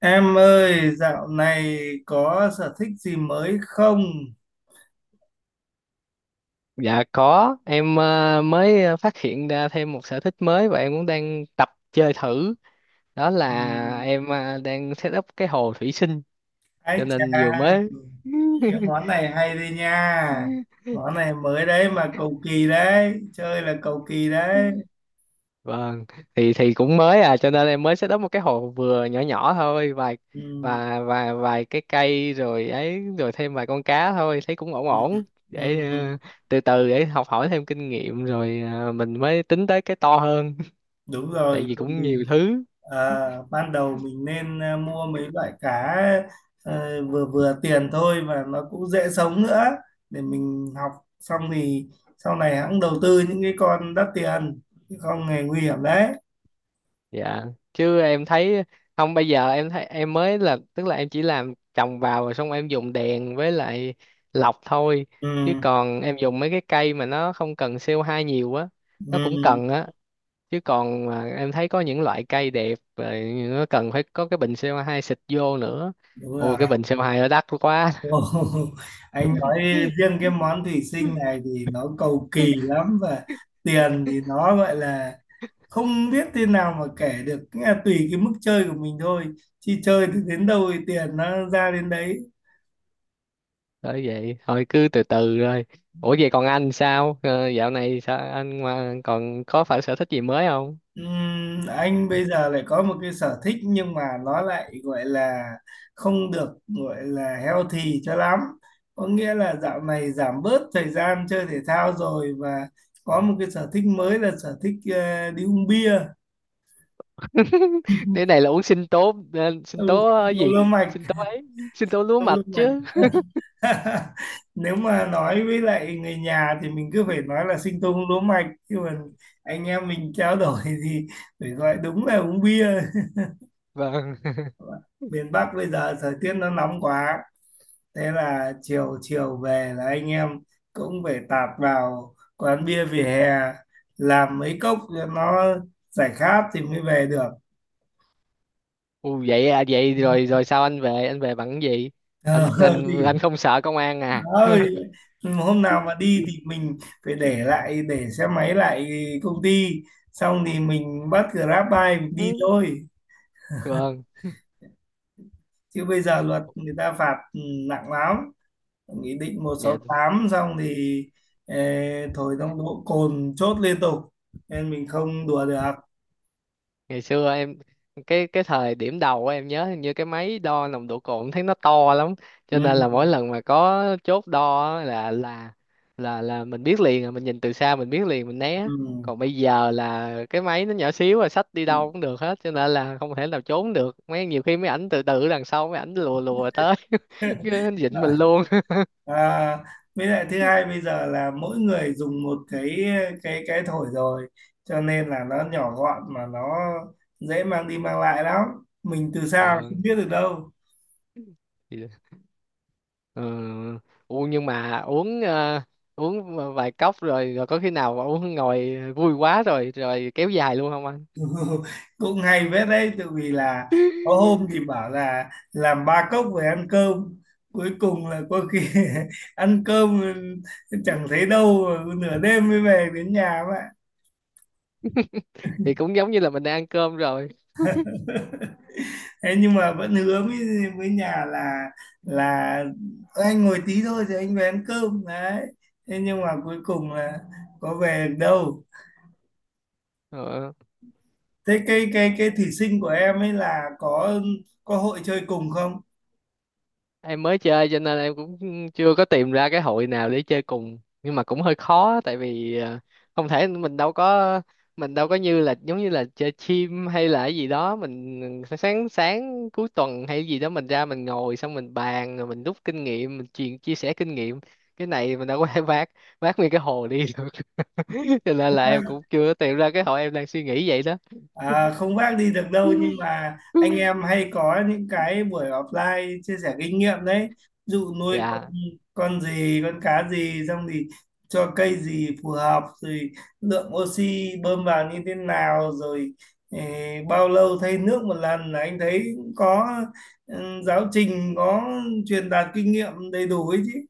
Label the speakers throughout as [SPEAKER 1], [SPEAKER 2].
[SPEAKER 1] Em ơi, dạo này có sở thích gì mới không?
[SPEAKER 2] Dạ có, em mới phát hiện ra thêm một sở thích mới và em cũng đang tập chơi thử. Đó là
[SPEAKER 1] Ừm.
[SPEAKER 2] em đang set up cái hồ thủy sinh
[SPEAKER 1] Ái
[SPEAKER 2] cho
[SPEAKER 1] chà,
[SPEAKER 2] nên vừa mới
[SPEAKER 1] cái món này hay đi nha. Món này mới đấy mà cầu kỳ đấy, chơi là cầu kỳ đấy.
[SPEAKER 2] Vâng, thì cũng mới à, cho nên em mới set up một cái hồ vừa nhỏ nhỏ thôi, vài
[SPEAKER 1] Ừm,
[SPEAKER 2] và vài cái cây rồi ấy, rồi thêm vài con cá thôi thấy cũng ổn
[SPEAKER 1] ừm,
[SPEAKER 2] ổn, để
[SPEAKER 1] ừm,
[SPEAKER 2] từ từ để học hỏi thêm kinh nghiệm rồi mình mới tính tới cái to hơn.
[SPEAKER 1] Đúng
[SPEAKER 2] Tại
[SPEAKER 1] rồi,
[SPEAKER 2] vì
[SPEAKER 1] cầu
[SPEAKER 2] cũng
[SPEAKER 1] kỳ.
[SPEAKER 2] nhiều thứ.
[SPEAKER 1] Ờ, ban đầu mình nên mua mấy loại cá vừa vừa tiền thôi, và nó cũng dễ sống nữa để mình học. Xong thì sau này hãng đầu tư những cái con đắt tiền, chứ không hề nguy hiểm đấy.
[SPEAKER 2] Dạ, chứ em thấy, không, bây giờ em thấy em mới là, tức là em chỉ làm trồng vào rồi xong em dùng đèn với lại lọc thôi, chứ
[SPEAKER 1] ừ,
[SPEAKER 2] còn em dùng mấy cái cây mà nó không cần CO2 nhiều á, nó cũng
[SPEAKER 1] ừ,
[SPEAKER 2] cần á. Chứ còn mà em thấy có những loại cây đẹp rồi, nó cần phải có cái bình CO2 xịt vô nữa.
[SPEAKER 1] đúng
[SPEAKER 2] Ôi,
[SPEAKER 1] rồi.
[SPEAKER 2] cái bình CO2 nó đắt quá.
[SPEAKER 1] Ồ, anh nói riêng cái món thủy sinh này thì nó cầu kỳ lắm, và tiền thì nó gọi là không biết thế nào mà kể được. Nghĩa là tùy cái mức chơi của mình thôi, chi chơi thì đến đâu thì tiền nó ra đến đấy.
[SPEAKER 2] Bởi vậy thôi cứ từ từ rồi. Ủa, vậy còn anh sao? Ờ, Dạo này sao anh, còn có phải sở thích gì mới không?
[SPEAKER 1] Anh bây giờ lại có một cái sở thích nhưng mà nó lại gọi là không được gọi là healthy cho lắm. Có nghĩa là dạo này giảm bớt thời gian chơi thể thao rồi, và có một cái sở thích mới là sở thích đi uống bia.
[SPEAKER 2] Cái này là uống sinh tố sinh
[SPEAKER 1] Ừ,
[SPEAKER 2] tố
[SPEAKER 1] đau
[SPEAKER 2] gì,
[SPEAKER 1] lương mạch,
[SPEAKER 2] sinh tố ấy, sinh tố lúa
[SPEAKER 1] đau
[SPEAKER 2] mạch
[SPEAKER 1] lương mạch.
[SPEAKER 2] chứ.
[SPEAKER 1] Nếu mà nói với lại người nhà thì mình cứ phải nói là sinh tông lúa mạch. Nhưng mà anh em mình trao đổi thì phải gọi đúng là uống bia.
[SPEAKER 2] Vâng.
[SPEAKER 1] Miền Bắc bây giờ thời tiết nó nóng quá, thế là chiều chiều về là anh em cũng phải tạt vào quán bia vỉa hè làm mấy cốc cho nó giải khát thì mới về được.
[SPEAKER 2] Ừ, vậy à? Vậy rồi rồi sao Anh về bằng cái gì?
[SPEAKER 1] Ờ,
[SPEAKER 2] anh anh anh
[SPEAKER 1] thì
[SPEAKER 2] không sợ công an à?
[SPEAKER 1] ơi, hôm nào mà đi thì mình phải để lại, để xe máy lại công ty, xong thì mình bắt Grab bike mình đi thôi.
[SPEAKER 2] Vâng,
[SPEAKER 1] Chứ bây giờ luật người ta phạt nặng lắm, nghị định một sáu
[SPEAKER 2] dạ.
[SPEAKER 1] tám xong thì ờ, thổi nồng độ cồn chốt liên tục nên mình không đùa được.
[SPEAKER 2] Ngày xưa em, cái thời điểm đầu á, em nhớ hình như cái máy đo nồng độ cồn thấy nó to lắm,
[SPEAKER 1] Ừ.
[SPEAKER 2] cho nên là mỗi lần mà có chốt đo á, là mình biết liền à, mình nhìn từ xa mình biết liền mình né.
[SPEAKER 1] Ừ.
[SPEAKER 2] Còn bây giờ là cái máy nó nhỏ xíu rồi, xách đi
[SPEAKER 1] Ừ.
[SPEAKER 2] đâu cũng được hết, cho nên là không thể nào trốn được mấy. Nhiều khi mấy ảnh từ từ đằng sau, mấy ảnh lùa lùa tới, cứ dính
[SPEAKER 1] Đấy.
[SPEAKER 2] mình luôn.
[SPEAKER 1] À, với lại thứ hai bây giờ là mỗi người dùng một cái thổi rồi, cho nên là nó nhỏ gọn mà nó dễ mang đi mang lại lắm, mình từ xa không biết được đâu.
[SPEAKER 2] Vâng. Ừ. Ủa, nhưng mà uống uống vài cốc rồi, có khi nào mà uống ngồi vui quá rồi, kéo dài luôn không anh?
[SPEAKER 1] Cũng hay phết đấy, tự vì là có hôm thì bảo là làm ba cốc về ăn cơm, cuối cùng là có khi ăn cơm chẳng thấy đâu, nửa đêm mới về đến nhà vậy.
[SPEAKER 2] Thì cũng giống như là mình đang ăn cơm rồi.
[SPEAKER 1] Thế nhưng mà vẫn hứa với nhà là là "Ơ, anh ngồi tí thôi rồi anh về ăn cơm đấy." Thế nhưng mà cuối cùng là có về được đâu.
[SPEAKER 2] Ờ.
[SPEAKER 1] Thế cái thí sinh của em ấy là có hội chơi cùng không?
[SPEAKER 2] Em mới chơi cho nên em cũng chưa có tìm ra cái hội nào để chơi cùng, nhưng mà cũng hơi khó, tại vì không thể, mình đâu có như là, giống như là chơi team hay là cái gì đó, mình sáng sáng cuối tuần hay gì đó mình ra mình ngồi xong mình bàn rồi mình rút kinh nghiệm, mình chuyện chia sẻ kinh nghiệm. Cái này mình đâu có thể vác vác nguyên cái hồ đi được. Cho nên là em cũng chưa tìm ra cái hội, em đang suy nghĩ vậy đó.
[SPEAKER 1] À, không vác đi được đâu, nhưng mà anh em hay có những cái buổi offline chia sẻ kinh nghiệm đấy. Ví dụ nuôi con
[SPEAKER 2] Dạ.
[SPEAKER 1] con gì, con cá gì, xong thì cho cây gì phù hợp rồi, lượng oxy bơm vào như thế nào rồi bao lâu thay nước một lần là anh thấy cũng có, giáo trình có, truyền đạt kinh nghiệm đầy đủ ấy chứ.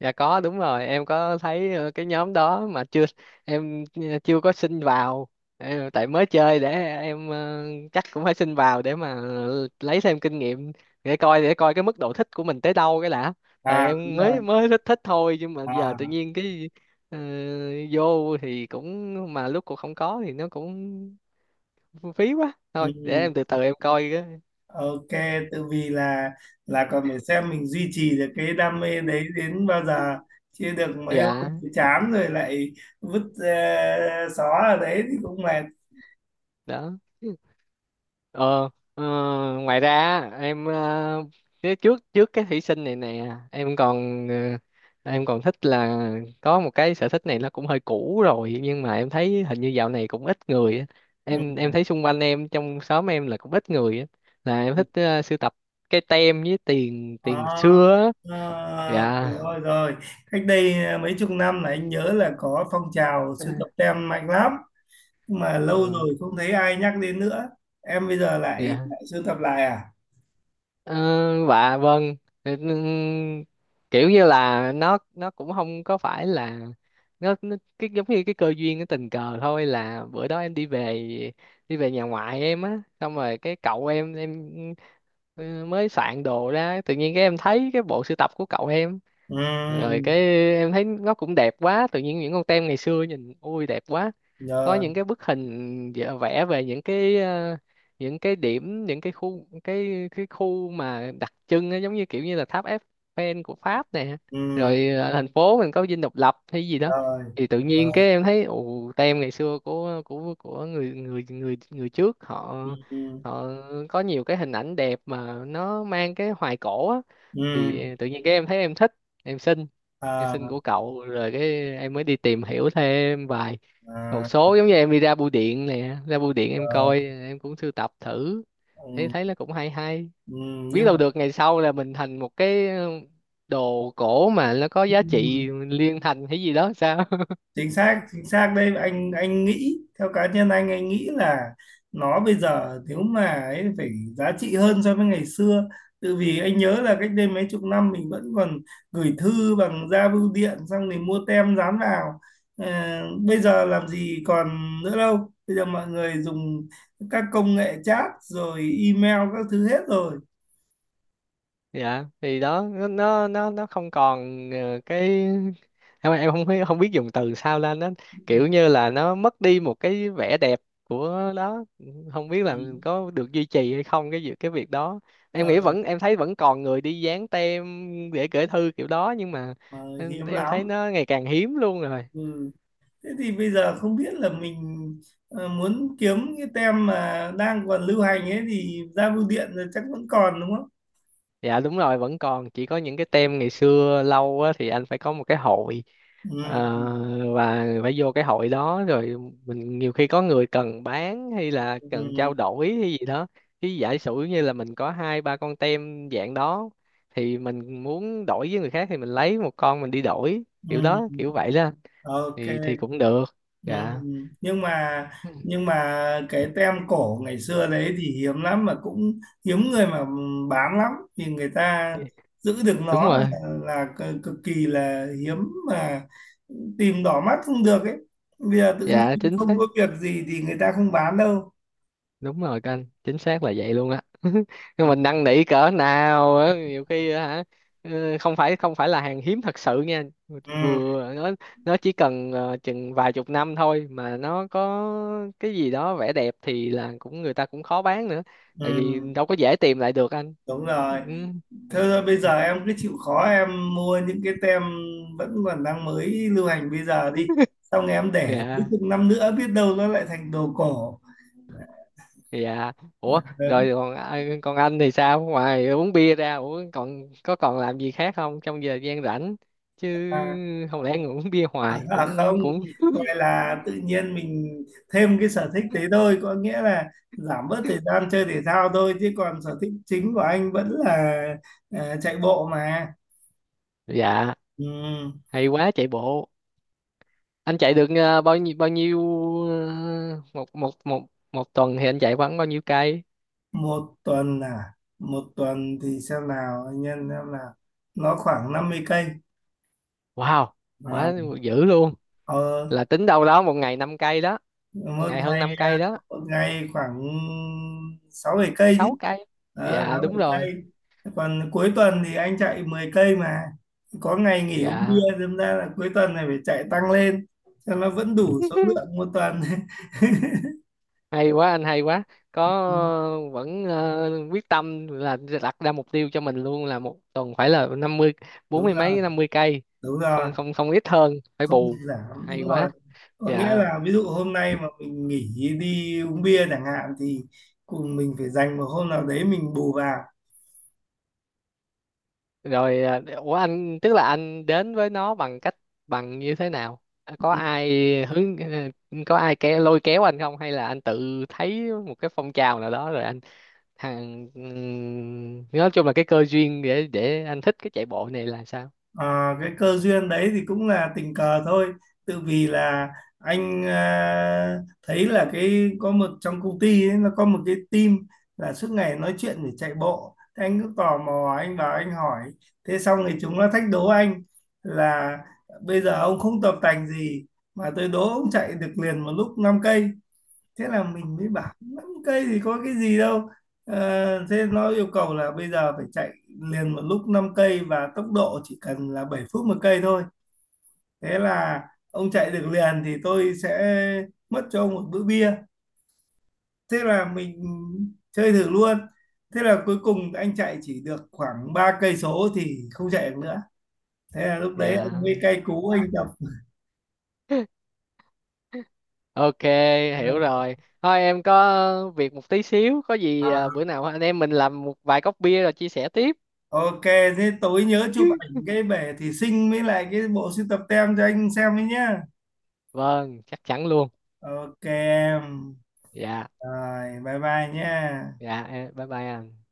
[SPEAKER 2] Dạ có, đúng rồi, em có thấy cái nhóm đó mà chưa, em chưa có xin vào. Tại mới chơi, để em chắc cũng phải xin vào để mà lấy thêm kinh nghiệm, để coi, để coi cái mức độ thích của mình tới đâu cái đã. Tại
[SPEAKER 1] À, đúng
[SPEAKER 2] em
[SPEAKER 1] rồi.
[SPEAKER 2] mới mới thích thích thôi, nhưng mà giờ tự
[SPEAKER 1] À.
[SPEAKER 2] nhiên cái ờ, vô thì cũng, mà lúc cũng không có thì nó cũng phí quá,
[SPEAKER 1] Ừ.
[SPEAKER 2] thôi để em từ từ em coi cái.
[SPEAKER 1] Ok, tự vì là còn phải xem mình duy trì được cái đam mê đấy đến bao giờ. Chưa được mấy hôm
[SPEAKER 2] Dạ.
[SPEAKER 1] thì chán rồi, lại vứt xó ở đấy thì cũng mệt.
[SPEAKER 2] Đó. ờ ờ, ngoài ra á, em cái trước trước cái thủy sinh này nè em còn em còn thích là có một cái sở thích này, nó cũng hơi cũ rồi nhưng mà em thấy hình như dạo này cũng ít người á.
[SPEAKER 1] Ừ.
[SPEAKER 2] Em thấy xung quanh em trong xóm em là cũng ít người á, là em thích sưu tập cái tem với tiền tiền
[SPEAKER 1] Đó.
[SPEAKER 2] xưa á.
[SPEAKER 1] Ờ,
[SPEAKER 2] Dạ.
[SPEAKER 1] rồi rồi. Cách đây mấy chục năm là anh nhớ là có phong trào sưu tập tem mạnh lắm. Nhưng mà lâu
[SPEAKER 2] Ờ,
[SPEAKER 1] rồi không thấy ai nhắc đến nữa. Em bây giờ lại
[SPEAKER 2] dạ.
[SPEAKER 1] lại sưu tập lại à?
[SPEAKER 2] Ờ, và vâng. Ừ, kiểu như là nó cũng không có phải là, nó cái giống như cái cơ duyên cái tình cờ thôi, là bữa đó em đi về, đi về nhà ngoại em á, xong rồi cái cậu em ừ, mới soạn đồ ra, tự nhiên cái em thấy cái bộ sưu tập của cậu em,
[SPEAKER 1] Ừ,
[SPEAKER 2] rồi cái em thấy nó cũng đẹp quá, tự nhiên những con tem ngày xưa nhìn ui đẹp quá, có
[SPEAKER 1] rồi,
[SPEAKER 2] những cái bức hình vẽ vẽ về những cái những cái điểm, những cái khu, cái khu mà đặc trưng á, giống như kiểu như là tháp Eiffel của Pháp nè,
[SPEAKER 1] ừ,
[SPEAKER 2] rồi thành phố mình có dinh độc lập hay gì đó.
[SPEAKER 1] rồi,
[SPEAKER 2] Thì tự nhiên
[SPEAKER 1] rồi.
[SPEAKER 2] cái em thấy, ồ, tem ngày xưa, của người người người người trước họ,
[SPEAKER 1] Ừ. Ừ.
[SPEAKER 2] họ có nhiều cái hình ảnh đẹp mà nó mang cái hoài cổ á.
[SPEAKER 1] Ừ.
[SPEAKER 2] Thì tự nhiên cái em thấy em thích, em xin em xin
[SPEAKER 1] À.
[SPEAKER 2] của cậu, rồi cái em mới đi tìm hiểu thêm vài một
[SPEAKER 1] À.
[SPEAKER 2] số, giống như em đi ra bưu điện nè, ra bưu điện em
[SPEAKER 1] Ờ.
[SPEAKER 2] coi, em cũng sưu tập thử, thấy thấy
[SPEAKER 1] Ừ.
[SPEAKER 2] nó cũng hay hay,
[SPEAKER 1] Ừ.
[SPEAKER 2] biết
[SPEAKER 1] Nhưng
[SPEAKER 2] đâu
[SPEAKER 1] mà
[SPEAKER 2] được ngày sau là mình thành một cái đồ cổ mà nó có giá trị liên thành hay gì đó sao.
[SPEAKER 1] chính xác, chính xác đây, anh nghĩ theo cá nhân, anh nghĩ là nó bây giờ nếu mà ấy phải giá trị hơn so với ngày xưa, tự vì anh nhớ là cách đây mấy chục năm mình vẫn còn gửi thư bằng ra bưu điện xong thì mua tem dán vào. Ờ, bây giờ làm gì còn nữa đâu, bây giờ mọi người dùng các công nghệ chat rồi email các thứ hết rồi.
[SPEAKER 2] Dạ thì đó, nó không còn cái, em không biết, không biết dùng từ sao lên, nó kiểu như là nó mất đi một cái vẻ đẹp của đó, không
[SPEAKER 1] Ừ.
[SPEAKER 2] biết là có được duy trì hay không cái việc đó. Em
[SPEAKER 1] Ờ.
[SPEAKER 2] nghĩ vẫn, em thấy vẫn còn người đi dán tem để gửi thư kiểu đó, nhưng mà
[SPEAKER 1] Ờ,
[SPEAKER 2] em,
[SPEAKER 1] hiếm
[SPEAKER 2] thấy
[SPEAKER 1] lắm.
[SPEAKER 2] nó ngày càng hiếm luôn rồi.
[SPEAKER 1] Ừ. Thế thì bây giờ không biết là mình muốn kiếm cái tem mà đang còn lưu hành ấy thì ra bưu điện rồi chắc vẫn còn, đúng không?
[SPEAKER 2] Dạ đúng rồi, vẫn còn, chỉ có những cái tem ngày xưa lâu á, thì anh phải có một cái hội
[SPEAKER 1] Ừ.
[SPEAKER 2] ờ, và phải vô cái hội đó rồi mình, nhiều khi có người cần bán hay là
[SPEAKER 1] Ừ.
[SPEAKER 2] cần trao đổi hay gì đó, cái giả sử như là mình có hai ba con tem dạng đó thì mình muốn đổi với người khác thì mình lấy một con mình đi đổi, kiểu
[SPEAKER 1] Ừ.
[SPEAKER 2] đó kiểu vậy đó.
[SPEAKER 1] Ok.
[SPEAKER 2] Thì cũng được.
[SPEAKER 1] Ừ.
[SPEAKER 2] Dạ
[SPEAKER 1] Nhưng mà nhưng mà cái tem cổ ngày xưa đấy thì hiếm lắm, mà cũng hiếm người mà bán lắm, thì người ta giữ được
[SPEAKER 2] đúng
[SPEAKER 1] nó là,
[SPEAKER 2] rồi.
[SPEAKER 1] cực kỳ là hiếm, mà tìm đỏ mắt không được ấy. Bây giờ tự
[SPEAKER 2] Dạ
[SPEAKER 1] nhiên
[SPEAKER 2] chính xác,
[SPEAKER 1] không có việc gì thì người ta không bán đâu.
[SPEAKER 2] đúng rồi, canh chính xác là vậy luôn á. Nhưng
[SPEAKER 1] Ừ.
[SPEAKER 2] mình năn nỉ cỡ nào á, nhiều khi á hả, ừ, không phải là hàng hiếm thật sự nha,
[SPEAKER 1] Ừ.
[SPEAKER 2] vừa nó chỉ cần chừng vài chục năm thôi mà nó có cái gì đó vẻ đẹp thì là cũng người ta cũng khó bán nữa,
[SPEAKER 1] Ừ.
[SPEAKER 2] tại vì đâu có dễ tìm lại được anh.
[SPEAKER 1] Đúng
[SPEAKER 2] Ừ.
[SPEAKER 1] rồi. Thế thôi bây giờ
[SPEAKER 2] Ừ.
[SPEAKER 1] em cứ chịu khó em mua những cái tem vẫn còn đang mới lưu hành bây giờ đi, xong em để cuối
[SPEAKER 2] Dạ.
[SPEAKER 1] cùng năm nữa biết đâu nó lại thành đồ cổ.
[SPEAKER 2] Dạ. Ủa rồi,
[SPEAKER 1] Đó.
[SPEAKER 2] còn còn anh thì sao? Ngoài uống bia ra, ủa còn có, còn làm gì khác không trong giờ gian rảnh chứ?
[SPEAKER 1] à,
[SPEAKER 2] Không lẽ ngồi uống bia hoài
[SPEAKER 1] À không,
[SPEAKER 2] cũng cũng...
[SPEAKER 1] gọi là tự nhiên mình thêm cái sở thích đấy thôi, có nghĩa là giảm bớt thời gian chơi thể thao thôi, chứ còn sở thích chính của anh vẫn là chạy bộ mà.
[SPEAKER 2] Dạ,
[SPEAKER 1] Ừ.
[SPEAKER 2] hay quá, chạy bộ. Anh chạy được bao nhiêu một một một một tuần thì anh chạy khoảng bao nhiêu cây?
[SPEAKER 1] Một tuần à? Một tuần thì xem nào, anh nhân xem nào, nó khoảng 50 cây.
[SPEAKER 2] Wow,
[SPEAKER 1] À.
[SPEAKER 2] quá, dữ luôn,
[SPEAKER 1] ờ,
[SPEAKER 2] là tính đâu đó một ngày 5 cây đó.
[SPEAKER 1] Một
[SPEAKER 2] Ngày hơn
[SPEAKER 1] ngày
[SPEAKER 2] 5 cây
[SPEAKER 1] à?
[SPEAKER 2] đó.
[SPEAKER 1] Một ngày khoảng 6-7 cây
[SPEAKER 2] sáu
[SPEAKER 1] chứ.
[SPEAKER 2] cây
[SPEAKER 1] Ờ, sáu
[SPEAKER 2] Dạ đúng
[SPEAKER 1] bảy
[SPEAKER 2] rồi.
[SPEAKER 1] cây Còn cuối tuần thì anh chạy 10 cây mà, có ngày nghỉ uống
[SPEAKER 2] Dạ
[SPEAKER 1] bia đâm ra là cuối tuần này phải chạy tăng lên cho nó vẫn đủ số lượng một tuần.
[SPEAKER 2] hay quá anh, hay quá, có vẫn quyết tâm là đặt ra mục tiêu cho mình luôn, là một tuần phải là 50, bốn
[SPEAKER 1] Đúng
[SPEAKER 2] mươi
[SPEAKER 1] rồi,
[SPEAKER 2] mấy 50 cây.
[SPEAKER 1] đúng rồi,
[SPEAKER 2] Không không không, ít hơn phải
[SPEAKER 1] không được
[SPEAKER 2] bù.
[SPEAKER 1] giảm,
[SPEAKER 2] Hay
[SPEAKER 1] đúng
[SPEAKER 2] quá.
[SPEAKER 1] rồi. Có nghĩa
[SPEAKER 2] Dạ.
[SPEAKER 1] là ví dụ hôm nay mà mình nghỉ đi uống bia chẳng hạn thì cùng mình phải dành một hôm nào đấy mình bù vào.
[SPEAKER 2] Rồi ủa anh, tức là anh đến với nó bằng cách, bằng như thế nào? À, có
[SPEAKER 1] Ừ.
[SPEAKER 2] ai hướng có ai kéo, lôi kéo anh không, hay là anh tự thấy một cái phong trào nào đó rồi anh nói chung là cái cơ duyên để anh thích cái chạy bộ này là sao.
[SPEAKER 1] Ờ, cái cơ duyên đấy thì cũng là tình cờ thôi, tự vì là anh thấy là cái có một trong công ty ấy, nó có một cái team là suốt ngày nói chuyện để chạy bộ. Thế anh cứ tò mò anh vào anh hỏi, thế xong thì chúng nó thách đố anh là bây giờ ông không tập tành gì mà tôi đố ông chạy được liền một lúc 5 cây. Thế là mình mới bảo 5 cây thì có cái gì đâu. Ờ, thế nó yêu cầu là bây giờ phải chạy liền một lúc 5 cây, và tốc độ chỉ cần là 7 phút 1 cây thôi. Thế là ông chạy được liền thì tôi sẽ mất cho ông một bữa bia. Thế là mình chơi thử luôn. Thế là cuối cùng anh chạy chỉ được khoảng 3 cây số thì không chạy được nữa. Thế là lúc đấy anh mới
[SPEAKER 2] Dạ.
[SPEAKER 1] cay cú anh tập.
[SPEAKER 2] Ok, hiểu rồi. Thôi em có việc một tí xíu, có gì à,
[SPEAKER 1] À,
[SPEAKER 2] bữa nào anh em mình làm một vài cốc bia rồi chia sẻ tiếp.
[SPEAKER 1] ok, thế tối nhớ chụp ảnh cái bể thủy sinh với lại cái bộ sưu tập tem cho anh xem đấy nhá.
[SPEAKER 2] Vâng, chắc chắn luôn.
[SPEAKER 1] Ok em.
[SPEAKER 2] Dạ,
[SPEAKER 1] Rồi, bye bye nhá.
[SPEAKER 2] dạ, bye bye anh.